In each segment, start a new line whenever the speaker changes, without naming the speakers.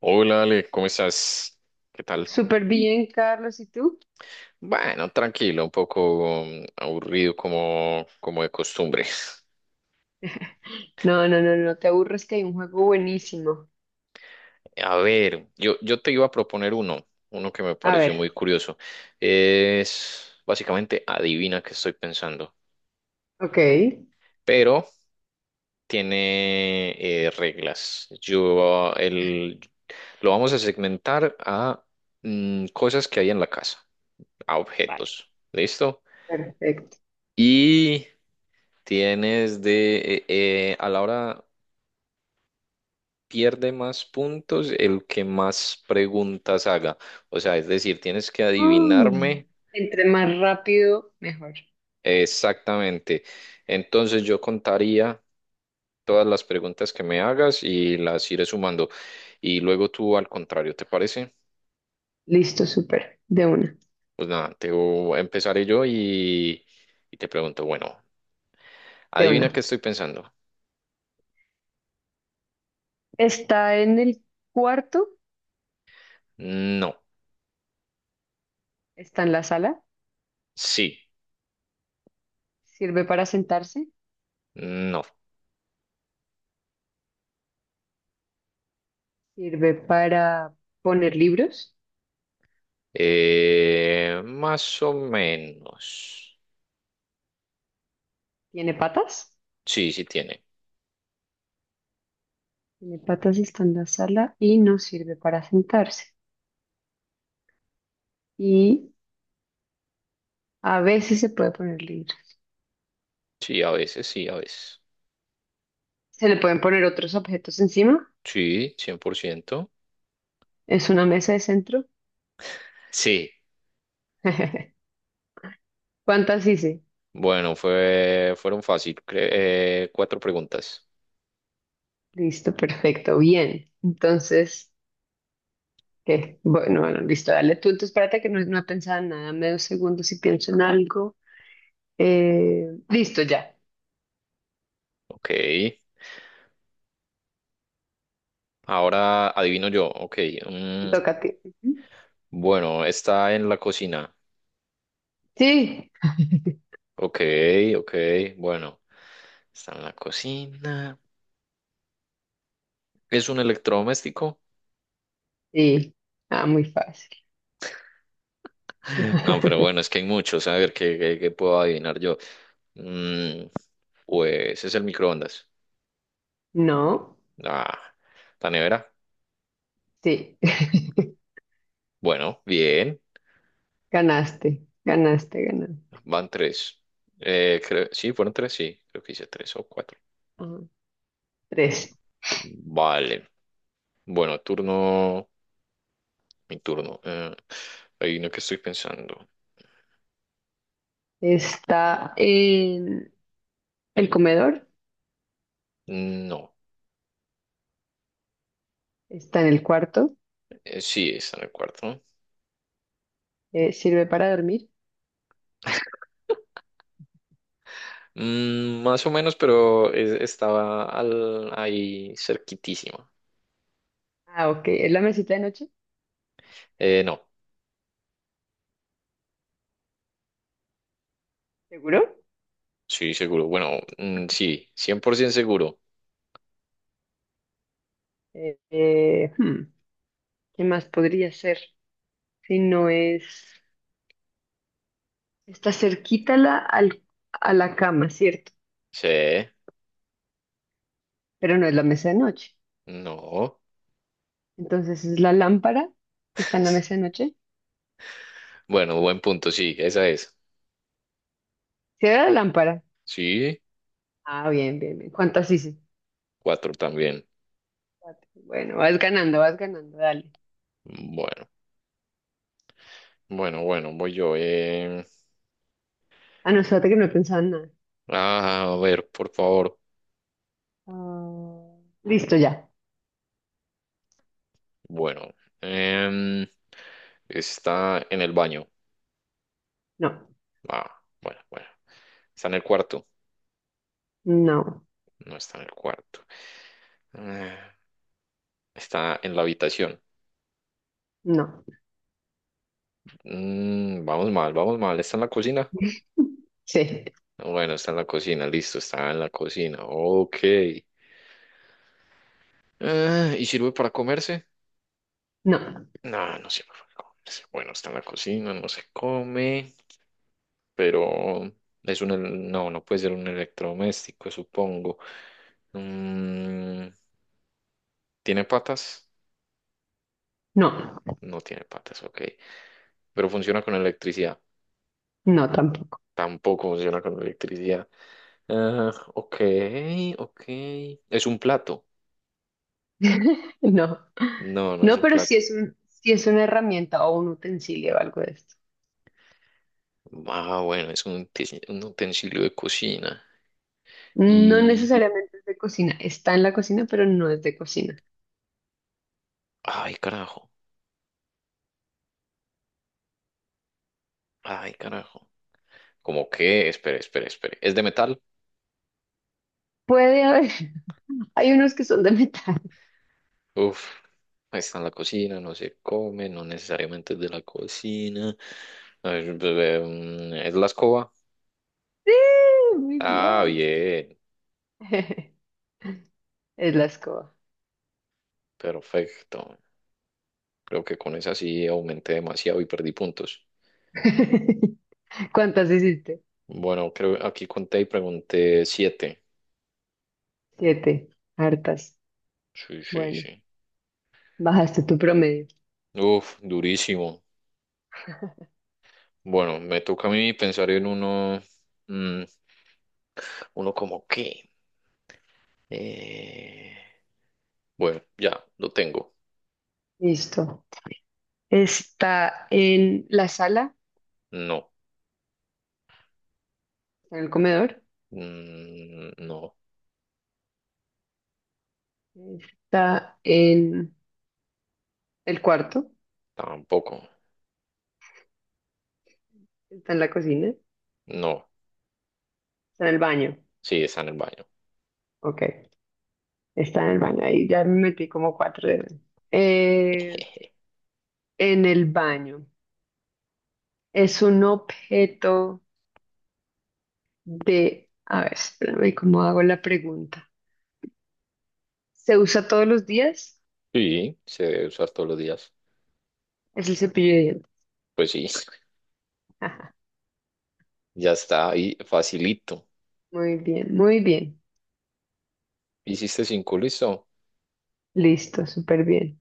Hola Ale, ¿cómo estás? ¿Qué tal?
Súper bien, Carlos, ¿y tú?
Bueno, tranquilo, un poco aburrido como de costumbre.
No, no, no, no te aburres que hay un juego buenísimo.
A ver, yo te iba a proponer uno que me
A
pareció
ver,
muy curioso. Es básicamente adivina qué estoy pensando,
ok,
pero tiene reglas. Lo vamos a segmentar a cosas que hay en la casa, a
vale,
objetos. ¿Listo?
perfecto.
Y tienes a la hora pierde más puntos el que más preguntas haga. O sea, es decir, tienes que
Mm.
adivinarme
Entre más rápido, mejor.
exactamente. Entonces yo contaría todas las preguntas que me hagas y las iré sumando. Y luego tú al contrario, ¿te parece?
Listo, súper, de una,
Pues nada, te empezaré y te pregunto, bueno,
de
adivina
una.
qué estoy pensando.
Está en el cuarto,
No,
está en la sala,
sí,
sirve para sentarse,
no,
sirve para poner libros,
más o menos.
tiene patas,
Sí, sí tiene.
tiene patas, y está en la sala y no sirve para sentarse. Y a veces se puede poner libros.
Sí, a veces, sí, a veces.
Se le pueden poner otros objetos encima.
Sí, 100%.
Es una mesa de centro.
Sí,
¿Cuántas hice?
bueno, fueron fácil, cuatro preguntas.
Listo, perfecto, bien. Entonces, ¿qué? Bueno, bueno, listo, dale tú. Entonces, espérate que no, no pensaba en nada. Medio segundo si pienso en algo. Listo, ya.
Ok, ahora adivino yo. Ok,
Te
mm,
toca a ti. Ujú.
bueno, está en la cocina.
Sí,
Ok, ok, bueno, está en la cocina. ¿Es un electrodoméstico?
sí. Ah, muy fácil.
No, pero bueno, es que hay muchos. A ver, ¿qué puedo adivinar yo? Mm, pues es el microondas.
No,
Ah, la nevera.
sí.
Bueno, bien.
Ganaste, ganaste, ganaste.
Van tres. Creo, sí, fueron tres, sí. Creo que hice tres o cuatro.
Ah, tres.
Vale. Bueno, turno. Mi turno. Hay uno que estoy pensando.
Está en el comedor.
No.
Está en el cuarto.
Sí, está en el cuarto.
¿Sirve para dormir?
Mm, más o menos, pero ahí cerquitísima.
Ah, ok. ¿Es la mesita de noche?
No.
¿Seguro?
Sí, seguro. Bueno, mm, sí. 100% seguro.
Eh, eh, hmm, ¿Qué más podría ser? Si no es... Está cerquita la, al- a la cama, ¿cierto?
Sí.
Pero no es la mesa de noche.
No.
Entonces, ¿es la lámpara que está en la mesa de noche?
Bueno, buen punto, sí. Esa es.
¿Sí era la lámpara?
Sí.
Ah, bien, bien, bien. ¿Cuántas hice?
Cuatro también.
Cuatro. Bueno, vas ganando, dale.
Bueno, bueno, bueno, voy yo. Eh.
Ah, no, espérate que no he pensado en nada.
Ah, a ver, por favor.
Ah, listo, ya.
Bueno, em, está en el baño.
No,
Ah, bueno, bueno. Está en el cuarto.
no,
No está en el cuarto. Eh, Está en la habitación.
no.
Mm, vamos mal, vamos mal. ¿Está en la cocina?
Sí,
Bueno, está en la cocina, listo, está en la cocina. Ok. ¿Y sirve para comerse?
no.
No, no sirve para comerse. Bueno, está en la cocina, no se come. Pero no, no puede ser un electrodoméstico, supongo. Mm, ¿tiene patas?
No,
No tiene patas, ok. Pero funciona con electricidad.
no tampoco.
Tampoco funciona con electricidad. Ah, ok, ok. ¿Es un plato?
No,
No, no es
no,
un
pero sí
plato.
es un, sí es una herramienta o un utensilio o algo de esto.
Ah, bueno, es un utensilio de cocina.
No
Y...
necesariamente es de cocina, está en la cocina, pero no es de cocina.
Ay, carajo. Ay, carajo. ¿Cómo que? Espere, espere, espere. ¿Es de metal?
Puede haber, hay unos que son de metal.
Uf, ahí está en la cocina, no se come, no necesariamente es de la cocina. A ver, bebé, mm, ¿es la escoba?
Sí, muy
Ah,
bien.
bien,
Es la escoba.
perfecto. Creo que con esa sí aumenté demasiado y perdí puntos.
¿Cuántas hiciste?
Bueno, creo aquí conté y pregunté siete.
Siete, hartas.
Sí, sí,
Bueno,
sí.
bajaste tu promedio.
Uf, durísimo. Bueno, me toca a mí pensar en uno, mm, uno como qué. Eh, bueno, ya, lo tengo.
Listo. Está en la sala,
No,
en el comedor.
mm, no,
Está en el cuarto,
tampoco.
está en la cocina, está
No,
en el baño.
sí, está en el baño.
Ok, está en el baño. Ahí ya me metí como cuatro dedos. Eh, en el baño. Es un objeto de... A ver, espérame, ¿cómo hago la pregunta? ¿Se usa todos los días?
Sí, se debe usar todos los días.
Es el cepillo de dientes.
Pues sí,
Ajá,
ya está ahí, facilito.
muy bien, muy bien.
Hiciste cinco, listo.
Listo, súper bien.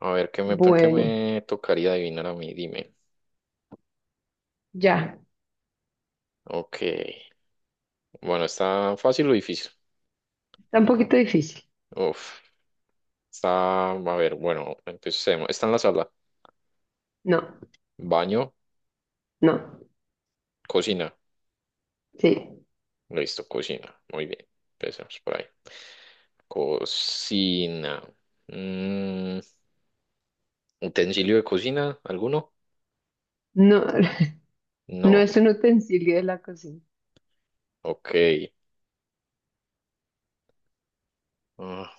A ver, ¿qué
Bueno,
me tocaría adivinar a mí? Dime.
ya.
Ok, bueno, ¿está fácil o difícil?
Está un poquito difícil.
Uf, está, a ver, bueno, empecemos. Está en la sala,
No,
baño,
no,
cocina.
sí.
Listo, cocina. Muy bien, empecemos por ahí. Cocina. Mm, ¿utensilio de cocina? ¿Alguno?
No, no
No,
es un utensilio de la cocina.
ok. Ah,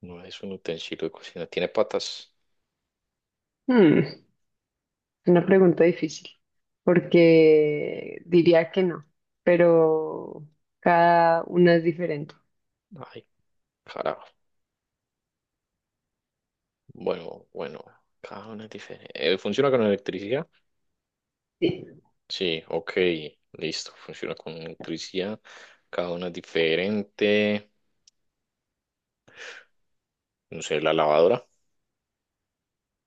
no es un utensilio de cocina. Tiene patas.
Hmm. Una pregunta difícil, porque diría que no, pero cada una es diferente.
Ay, carajo. Bueno, bueno. Cada una es diferente. ¿Funciona con electricidad?
Sí.
Sí, ok. Listo. Funciona con electricidad. Cada una es diferente. No sé, la lavadora.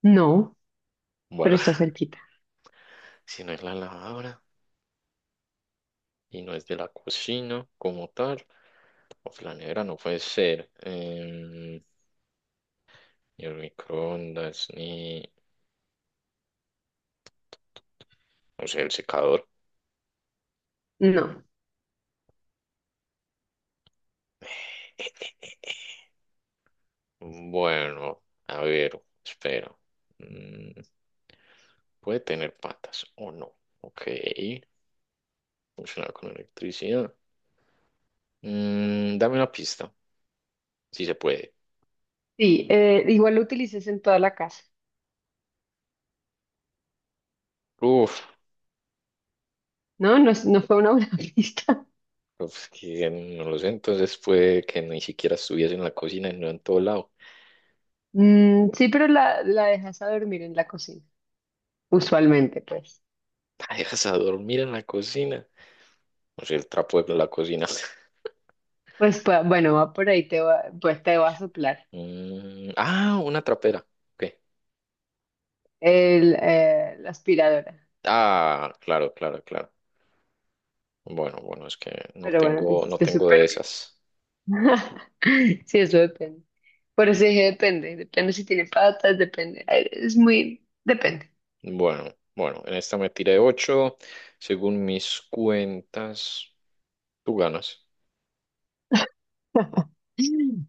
No, pero
Bueno,
está cerquita.
si no es la lavadora y no es de la cocina como tal. O la nevera no puede ser. Em, ni el microondas, ni. No sé, el secador.
No.
Bueno, a ver, espera. Mm, puede tener patas o no. Ok. Funciona con electricidad. Mm, dame una pista, si se puede.
Sí, igual lo utilices en toda la casa,
Uf,
¿no? No, es- no fue una buena pista.
pues que no lo sé. Entonces puede que ni siquiera estuviese en la cocina y no en todo lado.
Mm, sí, pero la dejas a dormir en la cocina, usualmente, pues.
La dejas a dormir en la cocina. No sé, el trapo de la cocina.
Pues, pa- bueno, va por ahí, te va, pues te va a soplar
Mm, ah, una trapera. Ok.
el, la aspiradora.
Ah, claro, claro, claro. Bueno, bueno, es que
Pero bueno, te
no
hiciste
tengo de
súper bien.
esas.
Sí, eso depende. Por eso dije depende. Depende si tiene patas, depende. Es muy, depende.
Bueno, bueno, en esta me tiré ocho. Según mis cuentas, tú ganas.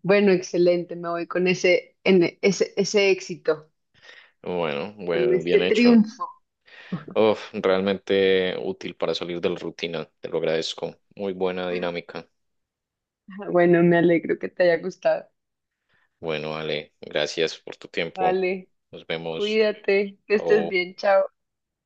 Bueno, excelente. Me voy con ese, en- ese, ese éxito,
Bueno,
con
bueno, bien
este
hecho.
triunfo.
Uf, realmente útil para salir de la rutina. Te lo agradezco. Muy buena dinámica.
Bueno, me alegro que te haya gustado.
Bueno, Ale, gracias por tu tiempo.
Vale,
Nos vemos.
cuídate, que estés
Au.
bien, chao.